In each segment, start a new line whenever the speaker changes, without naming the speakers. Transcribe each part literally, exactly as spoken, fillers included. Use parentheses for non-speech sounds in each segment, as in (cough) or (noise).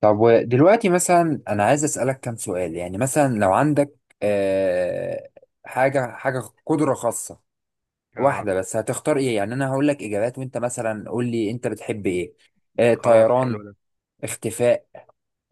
طب ودلوقتي مثلا انا عايز اسالك كام سؤال، يعني مثلا لو عندك آه حاجه حاجه قدره خاصه
اه،
واحده بس هتختار ايه؟ يعني انا هقول لك اجابات وانت مثلا قول لي انت بتحب ايه. آه
خلاص حلو
طيران،
ده.
اختفاء،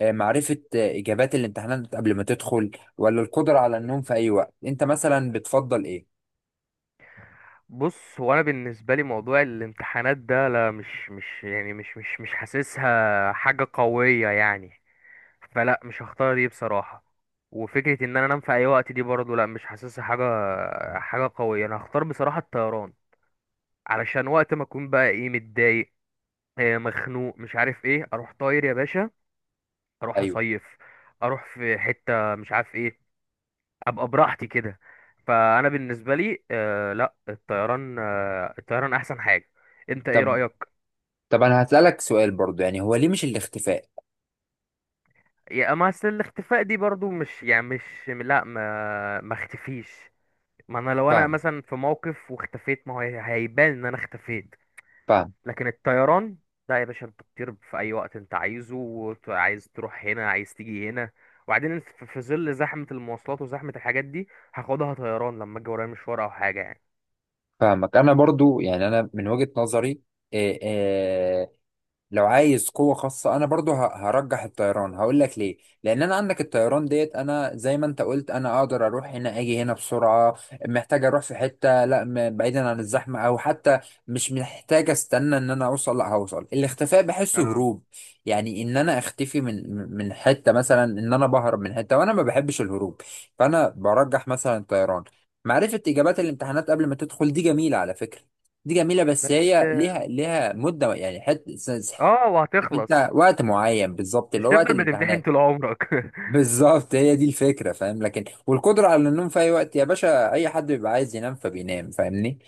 آه معرفه آه اجابات الامتحانات قبل ما تدخل، ولا القدره على النوم في اي وقت، انت مثلا بتفضل ايه؟
بص، هو انا بالنسبه لي موضوع الامتحانات ده لا، مش مش يعني مش مش مش حاسسها حاجه قويه يعني، فلا مش هختار دي بصراحه. وفكره ان انا انام في اي وقت دي برضه لا، مش حاسسها حاجه حاجه قويه. انا هختار بصراحه الطيران، علشان وقت ما اكون بقى ايه، متضايق، آه، مخنوق، مش عارف ايه، اروح طاير يا باشا، اروح
ايوه.
اصيف، اروح في حته مش عارف ايه، ابقى براحتي كده. فانا بالنسبه لي آه لا، الطيران آه الطيران احسن حاجه. انت ايه
طب
رايك؟
طب انا هسالك سؤال برضو، يعني هو ليه مش الاختفاء؟
يا اما اصل الاختفاء دي برضو مش يعني مش لا، ما ما اختفيش. ما انا لو انا
فاهم،
مثلا في موقف واختفيت، ما هو هي- هيبان ان انا اختفيت.
فاهم،
لكن الطيران، لا يا باشا، انت بتطير في اي وقت انت عايزه، وت- عايز تروح هنا، عايز تيجي هنا. وبعدين انت في في ظل زحمه المواصلات وزحمه الحاجات دي، هاخدها طيران لما اجي ورايا مشوار او حاجه يعني.
فاهمك. انا برضو يعني انا من وجهه نظري، آه، آه، لو عايز قوة خاصة أنا برضو ه- هرجح الطيران. هقول لك ليه، لأن أنا عندك الطيران ديت، أنا زي ما أنت قلت أنا أقدر أروح هنا أجي هنا بسرعة، محتاج أروح في حتة لا م- بعيدا عن الزحمة، أو حتى مش محتاج أستنى إن أنا أوصل، لا هوصل. الاختفاء بحسه
اه
هروب، يعني إن أنا أختفي من من حتة، مثلا إن أنا بهرب من حتة، وأنا ما بحبش الهروب، فأنا برجح مثلا الطيران. معرفة إجابات الامتحانات قبل ما تدخل دي جميلة على فكرة، دي جميلة، بس
بس.
هي ليها ليها مدة، يعني حتة س- س-
اه
عارف انت
وهتخلص.
وقت معين بالظبط،
مش
اللي هو وقت
هتفضل بتمتحن
الامتحانات.
طول عمرك
(laughs)
(laughs)
بالظبط هي دي الفكرة فاهم، لكن والقدرة على النوم في أي وقت يا باشا، أي حد بيبقى عايز ينام فبينام فاهمني،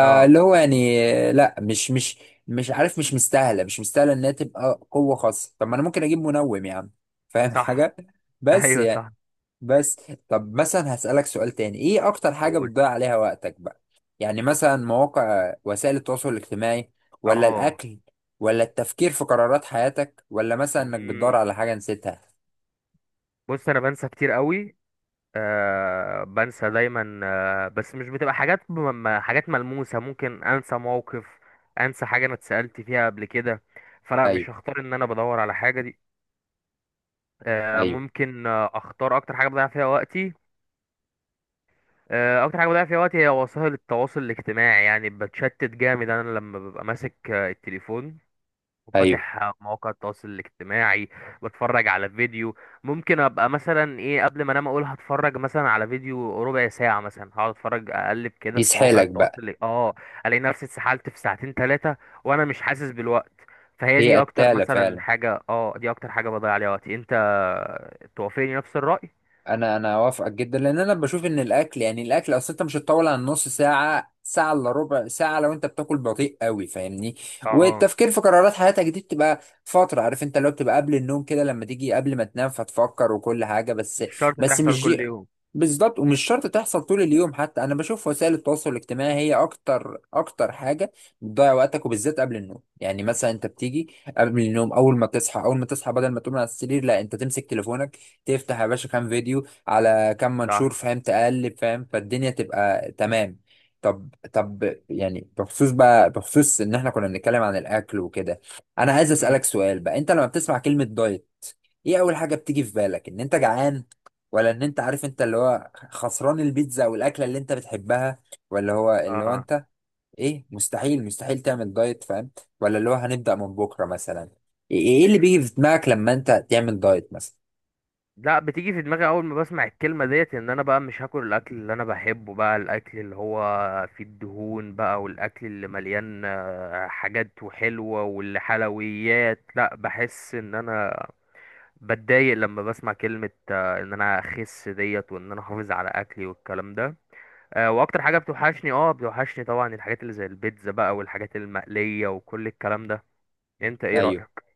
اه
هو يعني لا، مش مش مش عارف، مش مستاهلة، مش مستاهلة إنها تبقى قوة خاصة، طب ما أنا ممكن أجيب منوم يا عم فاهم
صح.
حاجة، بس
ايوه
يعني،
صح.
بس. طب مثلا هسألك سؤال تاني، ايه اكتر حاجة
قول.
بتضيع عليها وقتك بقى؟ يعني مثلا مواقع وسائل التواصل الاجتماعي، ولا
اه.
الاكل، ولا التفكير في قرارات حياتك، ولا مثلا انك بتدور
مم.
على حاجة نسيتها؟
بص، انا بنسى كتير قوي، آه بنسى دايما، آه بس مش بتبقى حاجات م- م- حاجات ملموسة. ممكن انسى موقف، انسى حاجة انا اتسألت فيها قبل كده، فلا
ايوه،
مش هختار ان انا بدور على حاجة دي. آه
ايوه،
ممكن آه، اختار اكتر حاجة بضيع فيها وقتي. آه، اكتر حاجه بضيع فيها وقتي هي وسائل التواصل الاجتماعي، يعني بتشتت جامد. انا لما ببقى ماسك آه، التليفون
ايوه.
وفاتح مواقع التواصل الاجتماعي، بتفرج على فيديو. ممكن ابقى مثلا ايه، قبل ما انام اقول هتفرج مثلا على فيديو ربع ساعة، مثلا هقعد اتفرج، اقلب كده في مواقع
يسحلك
التواصل
بقى.
ال- اه، الاقي نفسي اتسحلت في ساعتين ثلاثة وانا مش حاسس بالوقت. فهي
هي
دي اكتر
قتالة
مثلا
فعلا.
حاجة، اه دي اكتر حاجة بضيع عليها وقتي. انت توافقني نفس الرأي؟
انا انا اوافقك جدا، لان انا بشوف ان الاكل، يعني الاكل اصل انت مش هتطول عن نص ساعه، ساعه الا ربع ساعه، لو انت بتاكل بطيء قوي فاهمني.
اه،
والتفكير في قرارات حياتك دي بتبقى فتره عارف انت، لو بتبقى قبل النوم كده، لما تيجي قبل ما تنام فتفكر وكل حاجه، بس
مش شرط
بس
تحصل
مش دي.
كل يوم.
بالظبط، ومش شرط تحصل طول اليوم، حتى انا بشوف وسائل التواصل الاجتماعي هي اكتر اكتر حاجه بتضيع وقتك، وبالذات قبل النوم، يعني مثلا انت بتيجي قبل النوم، اول ما تصحى اول ما تصحى بدل ما تقوم على السرير لا انت تمسك تليفونك، تفتح يا باشا كام فيديو على كام منشور
صح.
فاهم، تقلب فاهم، فالدنيا تبقى تمام. طب طب يعني بخصوص بقى بخصوص ان احنا كنا بنتكلم عن الاكل وكده، انا عايز
امم.
اسالك سؤال بقى، انت لما بتسمع كلمه دايت ايه اول حاجه بتيجي في بالك؟ ان انت جعان، ولا ان انت عارف انت اللي هو خسران البيتزا والاكله اللي انت بتحبها، ولا هو اللي هو
اه
انت ايه، مستحيل مستحيل تعمل دايت فاهم، ولا اللي هو هنبدا من بكره مثلا؟ ايه إيه اللي بيجي في دماغك لما انت تعمل دايت مثلا؟
لا، بتيجي في دماغي اول ما بسمع الكلمه ديت ان انا بقى مش هاكل الاكل اللي انا بحبه، بقى الاكل اللي هو فيه الدهون بقى، والاكل اللي مليان آه، حاجات وحلوه والحلويات. لا، بحس ان انا بتضايق لما بسمع كلمه آه، ان انا اخس ديت، وان انا احافظ على اكلي والكلام ده. آه، واكتر حاجه بتوحشني، اه بتوحشني طبعا، الحاجات اللي زي البيتزا بقى، والحاجات المقليه وكل الكلام ده. انت ايه
ايوه.
رايك؟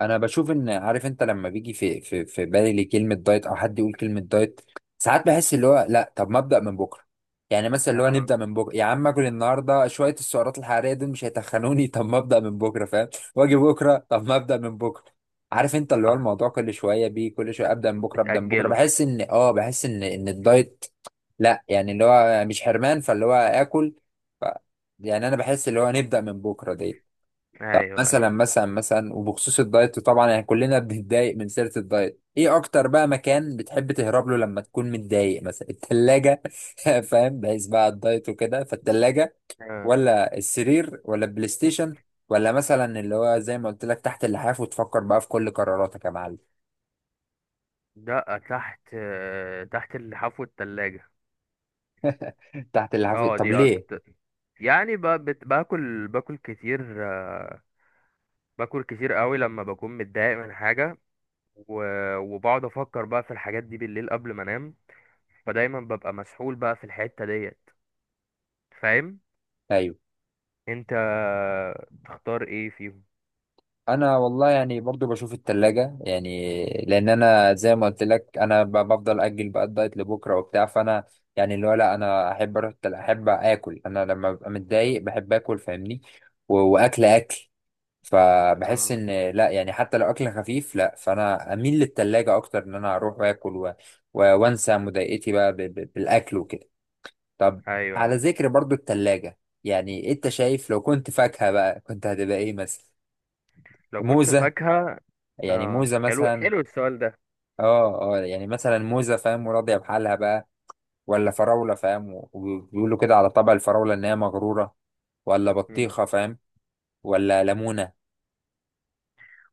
انا بشوف ان عارف انت، لما بيجي في في في بالي كلمه دايت او حد يقول كلمه دايت، ساعات بحس اللي هو لا طب ما ابدا من بكره، يعني مثلا اللي هو
آه،
نبدا من بكره يا عم، اكل النهارده شويه السعرات الحراريه دول مش هيتخنوني (laughs) طب ما ابدا من بكره فاهم. واجي بكره، طب ما ابدا من بكره، عارف انت اللي هو
صح.
الموضوع كل شويه بيه، كل شويه ابدا من بكره، ابدا من بكره،
بتاجله.
بحس ان اه بحس ان ان الدايت، لا يعني اللي هو مش حرمان فاللي هو اكل، ف يعني انا بحس اللي هو نبدا من بكره دي. طب
ايوه
مثلا
ايوه.
مثلا مثلا وبخصوص الدايت طبعا، يعني كلنا بنتضايق من سيرة الدايت. ايه اكتر بقى مكان بتحب تهرب له لما تكون متضايق؟ مثلا التلاجة (laughs) فاهم، بحيث بقى الدايت وكده فالتلاجة،
آه.
ولا السرير، ولا البلاي ستيشن، ولا مثلا اللي هو زي ما قلت لك تحت اللحاف وتفكر بقى في كل قراراتك يا معلم؟
لا تحت، آه، تحت الحفو التلاجة.
تحت اللحاف
اه
طب
دي
ليه؟
أكتر. يعني ب... بت... باكل باكل كتير، آه، باكل كتير قوي لما بكون متضايق من حاجة، و... وبقعد أفكر بقى في الحاجات دي بالليل قبل ما أنام، فدايما ببقى مسحول بقى في الحتة ديت. فاهم؟
ايوه،
انت تختار ايه فيهم؟
انا والله يعني برضو بشوف التلاجة، يعني لان انا زي ما قلت لك انا ب- بفضل اجل بقى الدايت لبكره وبتاع، فانا يعني اللي هو لا، انا احب اروح التل... احب اكل، انا لما ببقى متضايق بحب اكل فاهمني، و... واكل اكل فبحس
آه.
ان لا يعني حتى لو اكل خفيف لا، فانا اميل للتلاجة اكتر، ان انا اروح واكل و... و... وانسى مضايقتي بقى ب... ب... بالاكل وكده. طب
ايوه.
على ذكر برضو التلاجة، يعني انت شايف لو كنت فاكهة بقى كنت هتبقى ايه مثلا؟
لو كنت
موزة،
فاكهة،
يعني
اه
موزة
حلو
مثلا،
حلو السؤال
اه اه يعني مثلا موزة فاهم وراضية بحالها بقى، ولا فراولة فاهم و- وبيقولوا كده على طبع الفراولة إن هي مغرورة، ولا
ده.
بطيخة فاهم، ولا ليمونة؟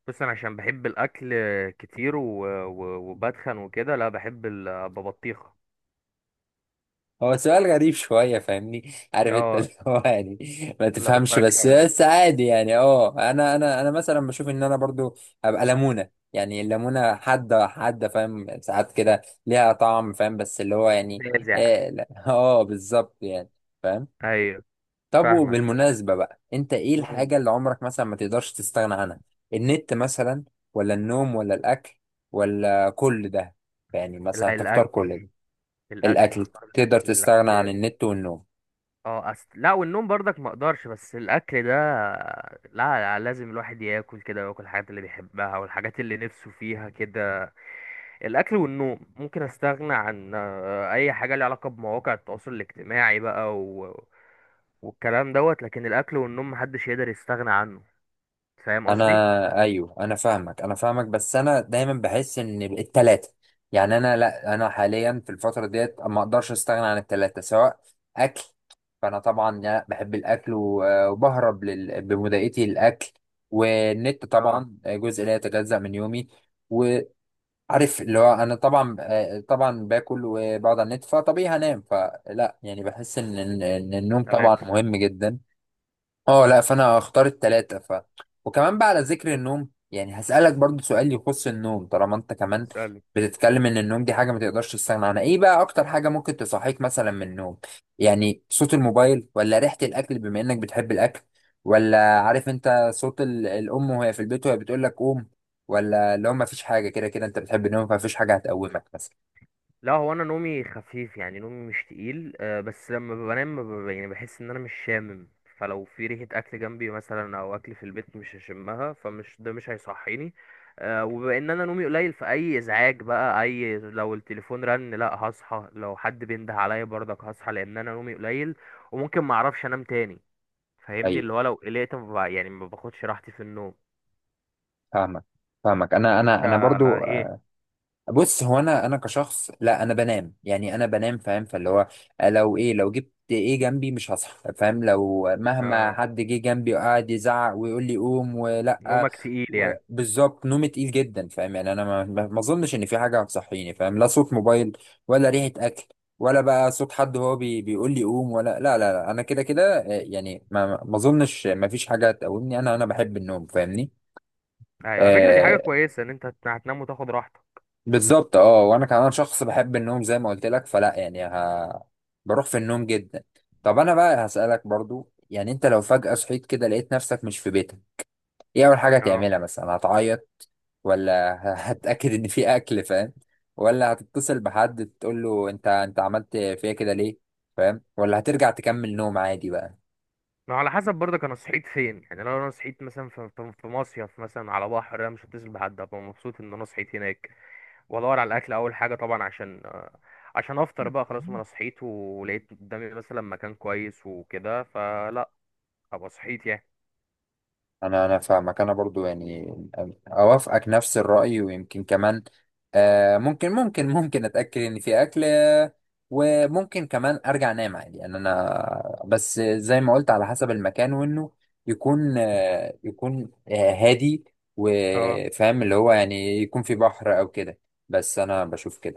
بس انا عشان بحب الاكل كتير و... و... وبتخن وكده، لا بحب ال- ببطيخه.
هو سؤال غريب شوية فاهمني عارف انت
اه
اللي هو يعني ما
لو
تفهمش، بس
فاكهه،
بس عادي يعني، اه انا انا انا مثلا بشوف ان انا برضو هبقى ليمونة، يعني الليمونة حادة حادة فاهم، ساعات كده ليها طعم فاهم، بس اللي هو يعني
نازع.
اه لا، آه، بالظبط يعني فاهم.
ايوه.
طب
فاهمك.
وبالمناسبة بقى، انت ايه
مم.
الحاجة اللي عمرك مثلا ما تقدرش تستغنى عنها؟ النت مثلا، ولا النوم، ولا الاكل، ولا كل ده، يعني مثلا
لا،
تختار
الاكل.
كل ده؟
الاكل،
الاكل،
اختار
تقدر
الاكل،
تستغنى عن
الاكل.
النت والنوم؟
اه أست... لا، والنوم برضك ما اقدرش، بس الاكل ده لا، لا لازم الواحد ياكل كده، وياكل الحاجات اللي بيحبها والحاجات اللي نفسه فيها كده. الاكل والنوم ممكن استغنى عن آه، اي حاجه ليها علاقه بمواقع التواصل الاجتماعي بقى و... والكلام دوت، لكن الاكل والنوم محدش يقدر يستغنى عنه. فاهم قصدي؟
انا ايوه، انا فاهمك، انا فاهمك، بس انا دايما بحس ان التلاتة، يعني انا لا، انا حاليا في الفتره ديت ما اقدرش استغنى عن التلاتة، سواء اكل فانا طبعا لا بحب الاكل و- وبهرب لل... بمضايقتي الاكل، والنت
اه.
طبعا جزء لا يتجزأ من يومي، وعارف اللي هو انا طبعا، طبعا باكل وبقعد على النت فطبيعي هنام، فلا يعني بحس ان ان إن النوم طبعا
ثلاثة.
مهم جدا. اه لا فانا هختار التلاتة ف. وكمان بقى على ذكر النوم، يعني هسألك برضو سؤال يخص النوم، طالما انت كمان بتتكلم ان النوم دي حاجة ما تقدرش تستغنى عنها، ايه بقى اكتر حاجة ممكن تصحيك مثلا من النوم؟ يعني صوت الموبايل، ولا ريحة الاكل بما انك بتحب الاكل، ولا عارف انت صوت ال- الام وهي في البيت وهي بتقول لك قوم، ولا اللي هو ما فيش حاجة، كده كده انت بتحب النوم فمفيش حاجة هتقومك مثلا؟
لا، هو انا نومي خفيف، يعني نومي مش تقيل، آه، بس لما بنام ب- يعني بحس ان انا مش شامم، فلو في ريحة اكل جنبي مثلا او اكل في البيت مش هشمها، فمش ده مش هيصحيني. آه، وبما ان انا نومي قليل، فاي ازعاج بقى، اي، لو التليفون رن لا هصحى، لو حد بينده عليا برضك هصحى، لان انا نومي قليل وممكن ما اعرفش انام تاني. فاهمني،
ايوه،
اللي هو لو قلقت ما بع- يعني ما باخدش راحتي في النوم.
فاهمك، فاهمك، انا انا
انت
انا برضو.
ايه؟
بص هو انا انا كشخص لا انا بنام يعني انا بنام فاهم، فاللي هو آه، لو ايه لو جبت ايه جنبي مش هصحى فاهم، لو مهما
آه،
حد جه جنبي وقعد يزعق ويقول لي قوم ولا،
نومك تقيل
و-
يعني؟
بالظبط نومي تقيل جدا فاهم، يعني انا ما ما ما اظنش ان في حاجه هتصحيني فاهم، لا صوت موبايل، ولا ريحه اكل، ولا بقى صوت حد هو بي بيقول لي قوم، ولا لا لا لا، انا كده كده آه، يعني ما ما ما اظنش ما فيش حاجه تقومني، انا انا بحب النوم فاهمني.
أيوة، على فكرة دي حاجة
آه،
كويسة ان انت هت- هتنام وتاخد راحتك.
بالظبط، اه وانا كمان شخص بحب النوم زي ما قلت لك، فلا يعني ه... بروح في النوم جدا. طب انا بقى هسألك برضو، يعني انت لو فجأة صحيت كده لقيت نفسك مش في بيتك، ايه اول حاجة
اه.
هتعملها مثلا؟ هتعيط، ولا (laughs) ه- هتأكد ان في اكل فاهم، ولا هتتصل بحد تقول له انت انت عملت فيا كده ليه فاهم، ولا هترجع تكمل نوم عادي بقى؟
ما على حسب برضه انا صحيت فين يعني. لو انا صحيت مثلا في في في مصيف مثلا على بحر، انا مش هتصل بحد، ابقى مبسوط ان انا صحيت هناك، وادور على الاكل اول حاجه طبعا، عشان آه، عشان افطر بقى. خلاص، ما انا صحيت ولقيت قدامي مثلا مكان كويس وكده، فلا ابقى صحيت يعني.
انا انا فاهمك، انا برضو يعني اوافقك نفس الرأي، ويمكن كمان آه ممكن ممكن ممكن اتأكد ان في اكل آه، وممكن كمان ارجع انام عادي، يعني انا بس زي ما قلت على حسب المكان، وانه يكون آه يكون آه هادي،
اه.
وفاهم اللي هو يعني يكون في بحر او كده، بس انا بشوف كده.